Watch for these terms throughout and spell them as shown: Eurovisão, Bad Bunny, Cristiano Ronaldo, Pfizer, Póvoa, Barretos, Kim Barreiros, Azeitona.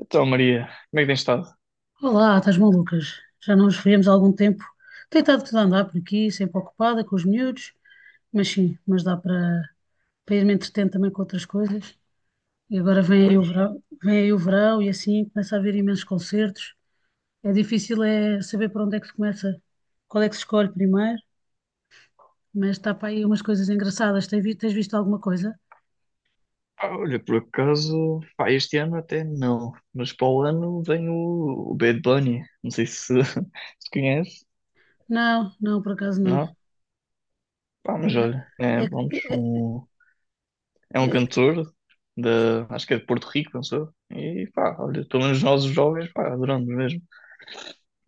Então, Maria, como é que tens estado? Olá, estás malucas? Já não nos vemos há algum tempo. Tenho estado tudo a andar por aqui, sempre ocupada com os miúdos, mas sim, mas dá para ir me entretendo também com outras coisas. E agora vem aí o Pois. verão, vem aí o verão e assim começa a haver imensos concertos. É difícil é saber para onde é que se começa, qual é que se escolhe primeiro, mas está para aí umas coisas engraçadas. Tens visto alguma coisa? Pá, olha, por acaso, pá, este ano até não, mas para o ano vem o Bad Bunny, não sei se, se conhece, Não, não, por acaso não. não? Pá, É, mas olha, é, é, é, é, vamos, que- é um é- que- cantor de, acho que é de Porto Rico, não sou? E pá, olha, pelo menos nós os jovens, pá, adoramos mesmo.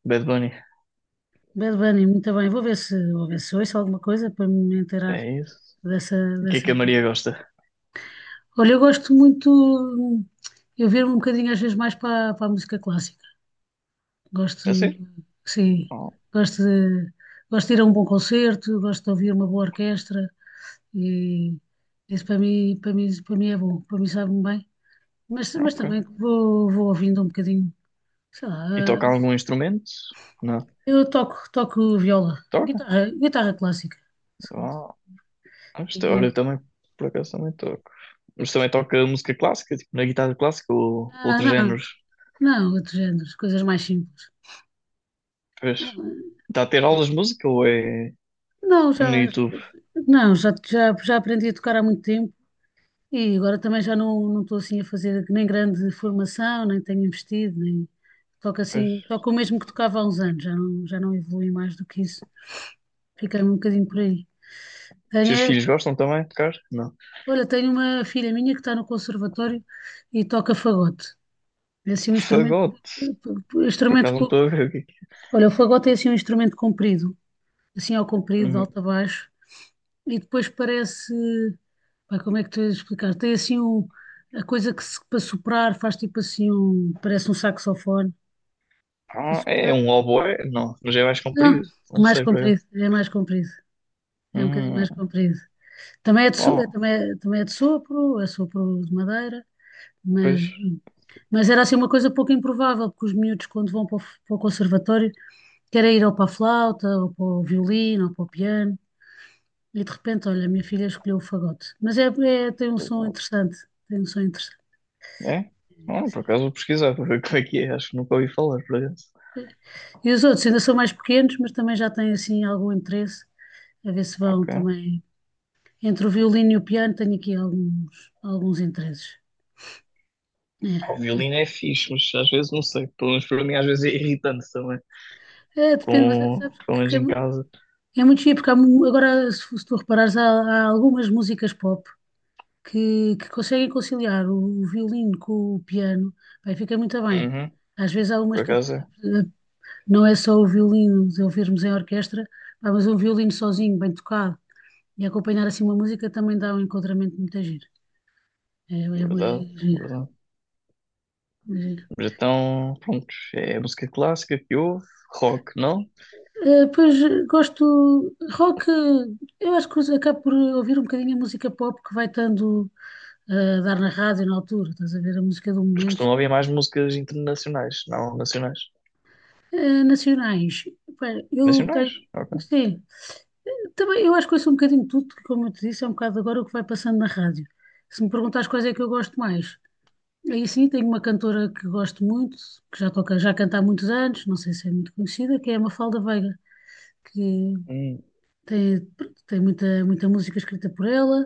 Bad Bunny, Bad Bunny, muito bem. Vou ver se ouço alguma coisa para me inteirar é isso. dessa, E o que é que a dessas Maria músicas. gosta? Olha, eu gosto muito, eu viro um bocadinho às vezes mais para a música clássica. Gosto, É assim? sim, Oh, gosto de, gosto de ir a um bom concerto, gosto de ouvir uma boa orquestra, e isso para mim, para mim, para mim é bom, para mim sabe-me bem. Mas ok. também vou ouvindo um bocadinho, sei lá. E toca algum instrumento? Não. Eu toco viola, Toca? Guitarra clássica. Ah, isto, olha, E, eu também, por acaso, também toco. Mas também toca música clássica, tipo na guitarra clássica ou outros não, géneros. não, outros géneros, coisas mais simples. Pois. Está a ter aulas de música ou é, Não, é no já, já- YouTube? não, já aprendi a tocar há muito tempo, e agora também já não estou assim a fazer nem grande formação, nem tenho investido, nem toco assim, Pois. toco o mesmo que tocava há uns anos, já não evolui mais do que isso. Fiquei um bocadinho por aí. Os Tenho, seus é- filhos gostam também de tocar? Não. Olha, tenho uma filha minha que está no conservatório e toca fagote. É assim um instrumento, Fagote. Por acaso não instrumento, estou a ver aqui. olha, o fagote é assim um instrumento comprido, assim ao comprido, de alto a baixo. E depois parece, pá, como é que tu tens de explicar? Tem assim um, a coisa que se- para soprar faz tipo assim um, parece um saxofone. Para Ah, é soprar, um oboé? Não, mas é mais não, comprido. Não sei por acaso. Mais comprido, é um bocadinho mais Hum, comprido. Também é de, bom, também, também é de sopro, é sopro de madeira, pois. mas, mas era assim uma coisa pouco improvável, porque os miúdos quando vão para o conservatório querem ir ou para a flauta, ou para o violino, ou para o piano. E de repente, olha, a minha filha escolheu o fagote. Tem um som interessante, tem um som interessante. É? Não, por acaso vou pesquisar para ver como é que é. Acho que nunca ouvi falar, por acaso. E os outros ainda são mais pequenos, mas também já têm assim algum interesse, a ver se vão Ok. também. Entre o violino e o piano tenho aqui alguns interesses. É, Ah, o mas- violino é fixe, mas às vezes não sei. Pelo menos para mim, às vezes é irritante também. é, depende, mas Com, sabes pelo menos que é, em mu- casa. é muito giro, porque agora, se tu reparares, há algumas músicas pop que conseguem conciliar o violino com o piano, bem, fica muito bem. Uhum. Às vezes há umas Por que ap- acaso é. Não é só o violino de ouvirmos em orquestra, pá, mas um violino sozinho, bem tocado, e acompanhar assim uma música também dá um enquadramento muito giro. É, é, Verdade, é giro, verdade. é giro. Mas então, pronto. É música clássica que ouve, rock, não? Pois gosto rock, eu acho que acabo por ouvir um bocadinho a música pop que vai estando, a dar na rádio na altura, estás a ver a música do Mas momento. costumam ouvir mais músicas internacionais, não nacionais. Nacionais, pá, eu Nacionais? tenho, Ok. sim, também eu acho que ouço um bocadinho de tudo, que, como eu te disse, é um bocado agora o que vai passando na rádio. Se me perguntares quais é que eu gosto mais, aí sim, tenho uma cantora que gosto muito, que já toca, já canta há muitos anos, não sei se é muito conhecida, que é a Mafalda Veiga, que Hum. tem, pronto, tem muita, muita música escrita por ela,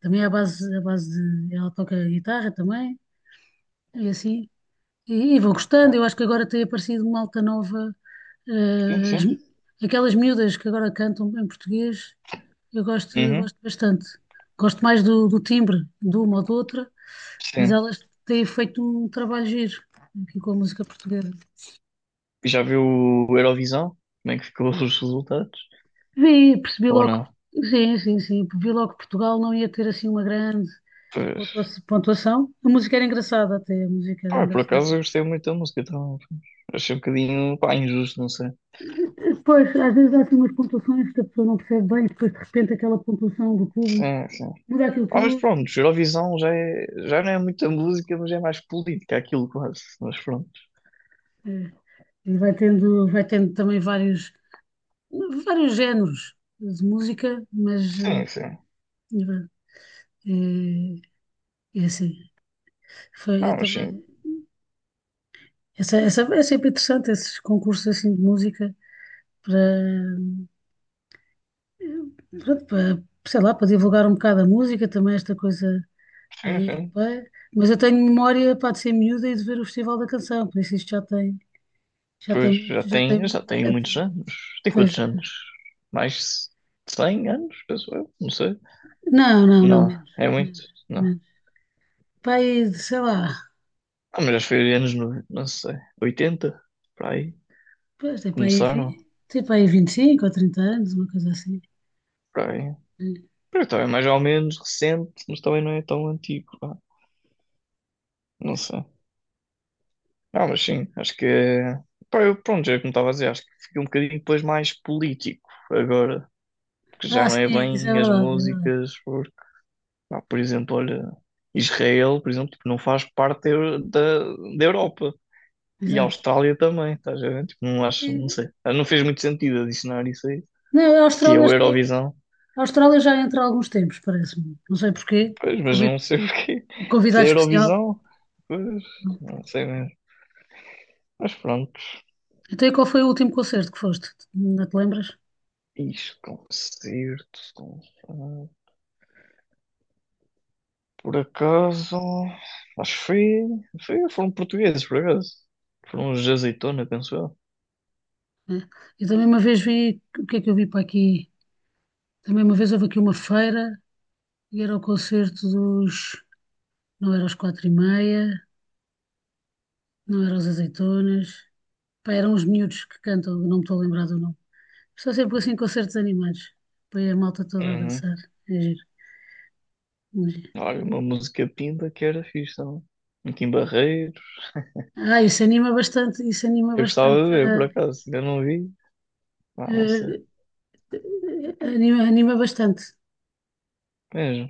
também é à base de, ela toca guitarra também, e assim, e vou gostando, eu acho que agora tem aparecido uma alta nova. Sim, sim. Aquelas miúdas que agora cantam em português, eu Uhum, gosto bastante, gosto mais do timbre de uma ou de outra, mas sim. elas têm feito um trabalho giro aqui com a música portuguesa. Já viu o Eurovisão? Como é que ficou os resultados? Vi, percebi Ou logo não? Sim, sim, sim, vi logo que Portugal não ia ter assim uma grande Pois. Pontuação. A música era engraçada até, a música era Ah, por acaso engraçada. eu gostei muito da música, então achei um bocadinho, pá, injusto, não sei. Pois, às vezes há assim umas pontuações que a pessoa não percebe bem, depois de repente aquela pontuação do público Sim, sim. muda aquilo Ah, mas tudo. pronto, Eurovisão já, é, já não é muita música, mas é mais política aquilo quase. Mas pronto. É. E vai tendo também vários géneros de música, mas Sim, sim. é, é assim. Foi, eu Ah, mas sim, também. Essa, é sempre interessante, esses concursos assim de música para, eh, pronto, para, sei lá, para divulgar um bocado a música, também esta coisa sim, sim. europeia. Mas eu tenho memória, pá, de ser miúda e de ver o Festival da Canção, por isso isto já tem Pois, muito, já tem já muito, tem já muitos tem-, anos. Tem pois quantos já. anos? Mais de 100 anos, penso eu, não sei. Não, não, não, Não, menos, é muito. menos, Não. menos. Pá, aí, de, sei lá, Ah, mas acho que foi anos, no- não sei, 80 para aí, pois tem para aí, começaram, 25 ou 30 anos, uma coisa assim. para aí. Porque também é mais ou menos recente, mas também não é tão antigo, pá, não sei. Ah, mas sim, acho que é... Pá, eu, pronto, já é como estava a dizer, acho que fica um bocadinho depois mais político agora, porque já Ah, não é sim, isso é bem as verdade, é verdade. músicas, porque, pá, por exemplo, olha, Israel, por exemplo, tipo, não faz parte da, Eu- da Europa. E a Exato. Austrália também, estás a ver? Tipo, não acho, não Sim. sei. Ah, não fez muito sentido adicionar isso aí. Não, a Se é Austrália o acho que é. Eurovisão. A Austrália já entra há alguns tempos, parece-me. Não sei porquê. Pois, mas Convi- não sei o quê. um Se Convidado é especial. Eurovisão, pois, não sei mesmo. Mas pronto. Até qual foi o último concerto que foste? Não te lembras? Isto, é um concerto. Com- ah, por acaso, acho que foi, foi- foram portugueses, por acaso. Foram os de Azeitona, penso eu. É. Eu também uma vez vi. O que é que eu vi para aqui? Também uma vez houve aqui uma feira e era o concerto dos. Não era os quatro e meia, não era os azeitonas. Pá, eram os miúdos que cantam, não me estou a lembrar do nome. Estou sempre assim em concertos animados. Põe a malta toda a Uhum. dançar. É giro. É giro. Olha, uma música pinta que era fixe também. Aqui em Barreiros. Ah, isso anima Eu gostava de bastante ver, por acaso. Ainda não vi. Ah, não sei. a. Anima bastante. Mesmo.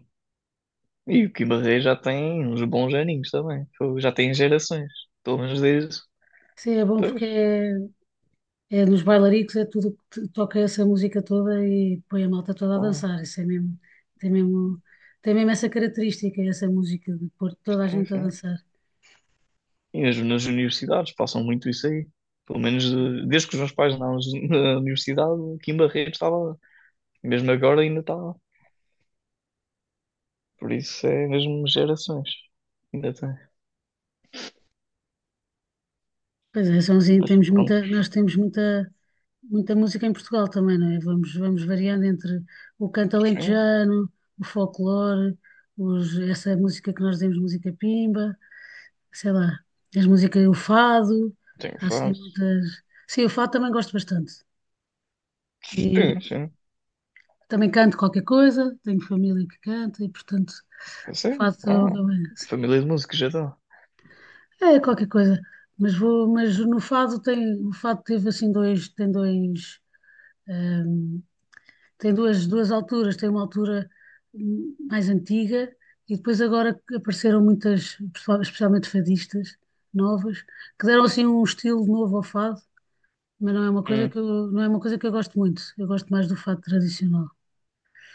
E o Kim Barreiros já tem uns bons aninhos também. Fogo, já tem gerações. Pelo menos desde. Sim, é bom Pois. porque é, é nos bailaricos, é tudo que toca essa música toda e põe a malta toda a dançar. Isso é mesmo, tem mesmo, tem mesmo essa característica, essa música de pôr toda a gente a Enfim. dançar. E mesmo nas universidades passam muito isso aí. Pelo menos desde que os meus pais andavam na universidade, aqui em Barretos estava. Mesmo agora ainda está. Por isso é mesmo gerações. Ainda tem. Pois é, Sonzinho, Mas temos pronto, muita, nós temos muita, muita música em Portugal também, não é? Vamos variando entre o canto sim. alentejano, o folclore, os, essa música que nós dizemos, música pimba. Sei lá, as músicas, o fado, Tenho há assim fase. muitas. Sim, o fado também gosto bastante. Sim, E sim. também canto qualquer coisa, tenho família que canta, e portanto o Sim, fado uau. também, assim, Família de música já está. é qualquer coisa. Mas no fado teve assim hum, duas alturas, tem uma altura, mais antiga, e depois agora que apareceram muitas, especialmente fadistas novas, que deram assim um estilo novo ao fado, mas não é uma coisa Hum, que eu, não é uma coisa que eu gosto muito. Eu gosto mais do fato tradicional.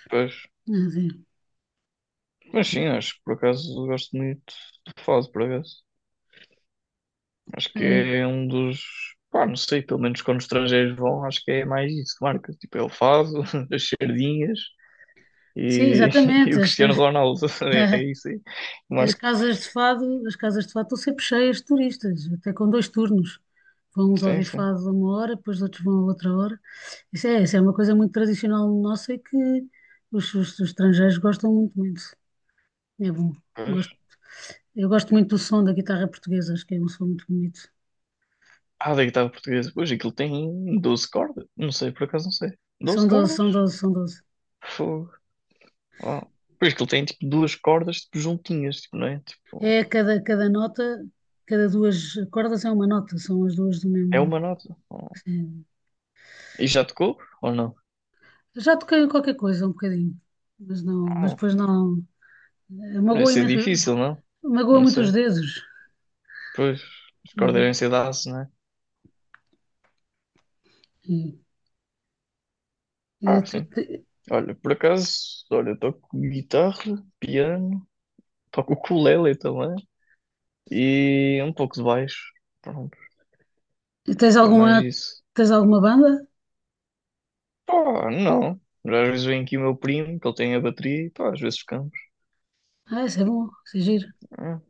pois. É assim, Mas sim, acho que por acaso eu gosto muito de fado, por acaso. Acho que é, é um dos. Pá, não sei, pelo menos quando os estrangeiros vão, acho que é mais isso que marca. Tipo, é o fado, as sardinhas sim, e, e exatamente. o As, Cristiano as, Ronaldo, é isso aí. as Marca, casas de fado, as casas de fado estão sempre cheias de turistas, até com dois turnos. Vão uns sim, ouvir sim. fado a uma hora, depois outros vão a outra hora. Isso é uma coisa muito tradicional nossa e que os, os estrangeiros gostam muito, muito. É bom. Pois. Gosto, eu gosto muito do som da guitarra portuguesa, acho que é um som muito bonito. Ah, da guitarra portuguesa. Pois, aquilo tem 12 cordas. Não sei, por acaso não sei. Doze São 12, cordas? são 12, são doze. Fogo. Oh. Pois, aquilo tem tipo duas cordas tipo, juntinhas, tipo, não é? É Tipo, cada nota, cada duas cordas é uma nota, são as duas do é mesmo. uma nota. Oh. Sim. E já tocou? Ou não? Já toquei em qualquer coisa um bocadinho, mas não, mas Oh. depois não. Deve Magoa ser imenso, difícil, não? magoa Não muito os sei. dedos. Pois, as Mas, cordas eh, devem ser de aço, não é? E, e Ah, tu sim. te- Olha, por acaso, olha, eu toco guitarra, piano, toco ukulele também, e um pouco de baixo. Pronto, e tens porque é mais alguma, isso. tens alguma banda? Pá, não. Às vezes vem aqui o meu primo, que ele tem a bateria, e pá, às vezes ficamos. Ah, isso é bom, isso é giro. Hum,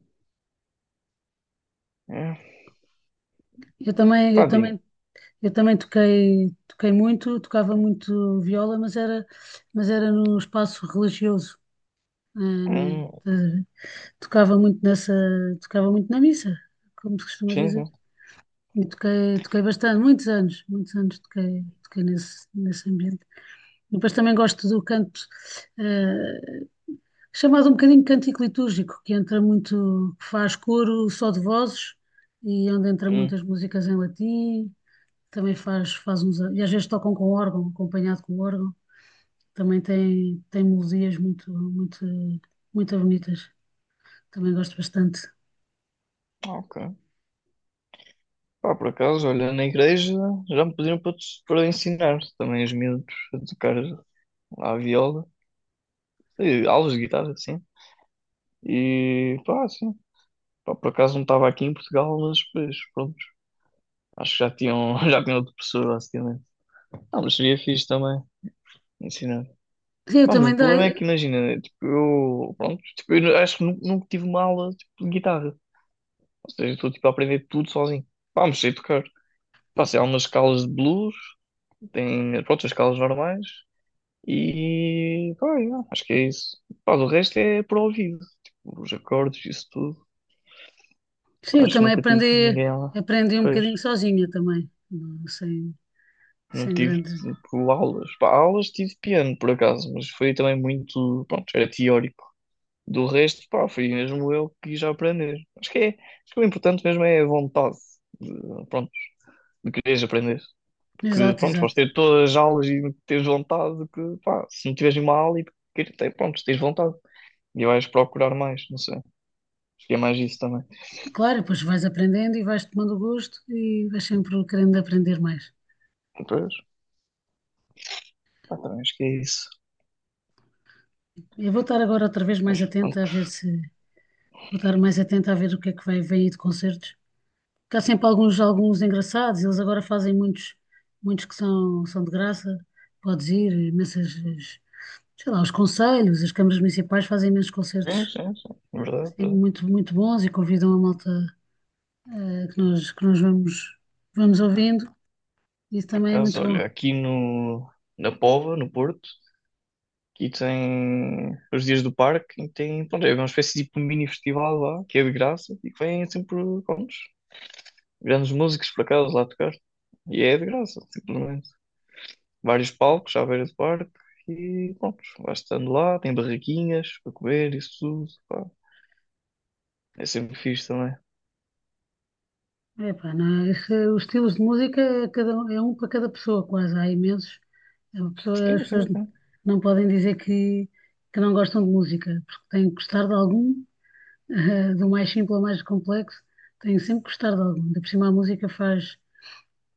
hum. Eu também, Pá, eu Dino. também, eu também toquei muito, tocava muito viola, mas era, num espaço religioso. eh, Hum, né? tocava muito nessa, tocava muito na missa como se costuma sim, dizer. sim. E toquei bastante, muitos anos toquei nesse ambiente. Depois também gosto do canto, eh, chamado um bocadinho cântico litúrgico, que entra muito, que faz coro só de vozes e onde entra Hum, muitas músicas em latim, também faz, faz uns, e às vezes tocam com órgão, acompanhado com órgão, também tem, tem melodias muito, muito, muito bonitas, também gosto bastante. ok. Pá, por acaso, olha, na igreja já me pediram para, te- para ensinar também os miúdos a tocar a viola, e aulas de guitarra, assim. E pá, sim. Pá, por acaso não estava aqui em Portugal, mas pois, pronto. Acho que já tinham, já tinham outro professor, basicamente. Não, mas seria fixe também ensinar. Sim, eu Vamos, o também problema é dei. que imagina, tipo, eu, pronto, tipo, eu nu- acho que nu- nunca tive uma aula tipo, de guitarra. Ou seja, eu estou tipo, a aprender tudo sozinho. Vamos, sei tocar. Passei algumas escalas de blues, tem, pronto, as escalas normais e, pá, yeah, acho que é isso. Pá, o resto é por ouvido, tipo, os acordes, isso tudo. Sim, Pá, eu acho que também nunca tive aprendi, ninguém lá. aprendi um Pois, bocadinho sozinha também, não, sem, não sem tive grandes. tipo, aulas. Pá, aulas tive piano, por acaso, mas foi também muito, pronto, era teórico. Do resto, pá, fui mesmo eu que quis aprender. Acho que é, acho que o importante mesmo é a vontade de, pronto, de quereres aprender. Porque, Exato, pronto, podes exato. ter todas as aulas e teres vontade de que, pá, se não tiveres uma aula e queres ter, pronto, tens vontade. E vais procurar mais, não sei. Acho que é mais isso também. Claro, depois vais aprendendo e vais tomando gosto e vais sempre querendo aprender mais. Depois, pá, também acho que é isso. Eu vou estar agora outra vez mais Mas atenta a pronto, ver se. Vou estar mais atenta a ver o que é que vai vem aí de concertos. Porque há sempre alguns, alguns engraçados, eles agora fazem muitos, muitos que são, são de graça. Podes ir, imensas, sei lá, os conselhos, as câmaras municipais fazem imensos sim, concertos sim, sim. Verdade, assim, verdade. muito, muito bons e convidam a malta, que nós vamos, vamos ouvindo. Isso Por também é acaso, muito bom. olha, aqui no, na Póvoa, no Porto, aqui tem os dias do parque e tem, pronto, é uma espécie de tipo um mini festival lá, que é de graça e que vem sempre, pronto, grandes músicos por acaso lá tocar. E é de graça, simplesmente. Vários palcos à beira do parque e pronto, vais estando lá, tem barraquinhas para comer, isso tudo, pá. É sempre fixe também. Epá, não é? Os estilos de música é, é um para cada pessoa, quase. Há imensos. As Sim, pessoas sim, sim. não podem dizer que não gostam de música, porque têm que gostar de algum, do mais simples ao mais complexo, têm sempre que gostar de algum. Ainda por cima, a música faz,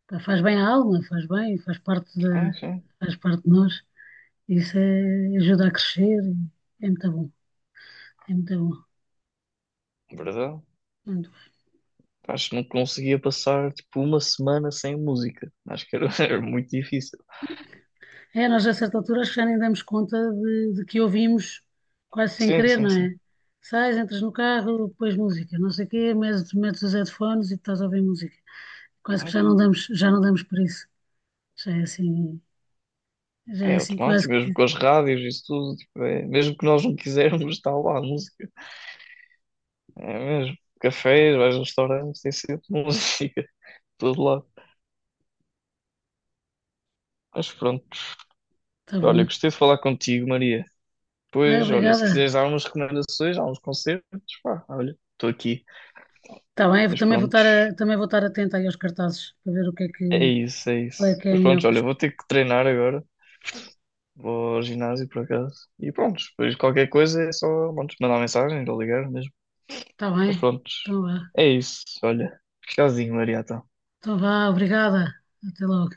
pá, faz bem à alma, faz bem, faz parte da, Sim, sim. faz parte de nós. Isso é, ajuda a crescer, é muito bom, é muito bom. Verdade. Muito bom. Acho que não conseguia passar tipo uma semana sem música. Acho que era, era muito difícil. É, nós a certa altura acho que já nem damos conta de que ouvimos quase sem Sim, querer, sim, não é? sim. Sais, entras no carro, depois música, não sei o quê, metes os headphones e estás a ouvir música. Quase que já não damos por isso. Já é assim, já é É assim quase automático, mesmo que com as rádios e isso tudo, tipo, é- mesmo que nós não quisermos, está lá a música. É mesmo. Cafés, vais a restaurantes, tem sempre música, de todo lado. Mas pronto, está olha, bom. gostei de falar contigo, Maria. Ai, Pois, olha, se obrigada. quiseres dar umas recomendações, há uns concertos, pá, olha, estou aqui. Está bem, eu Mas também vou pronto, também vou estar atenta aí aos cartazes para ver o que é é que isso, é qual é isso. que é Mas melhor pronto, para olha, vou escolher. ter que treinar agora. Vou ao ginásio, por acaso. E pronto, depois qualquer coisa é só, pronto, mandar mensagem ou ligar mesmo. Está Mas bem? pronto, Então vá. é isso, olha. Tchauzinho, Maria, então. Então vá, obrigada. Até logo.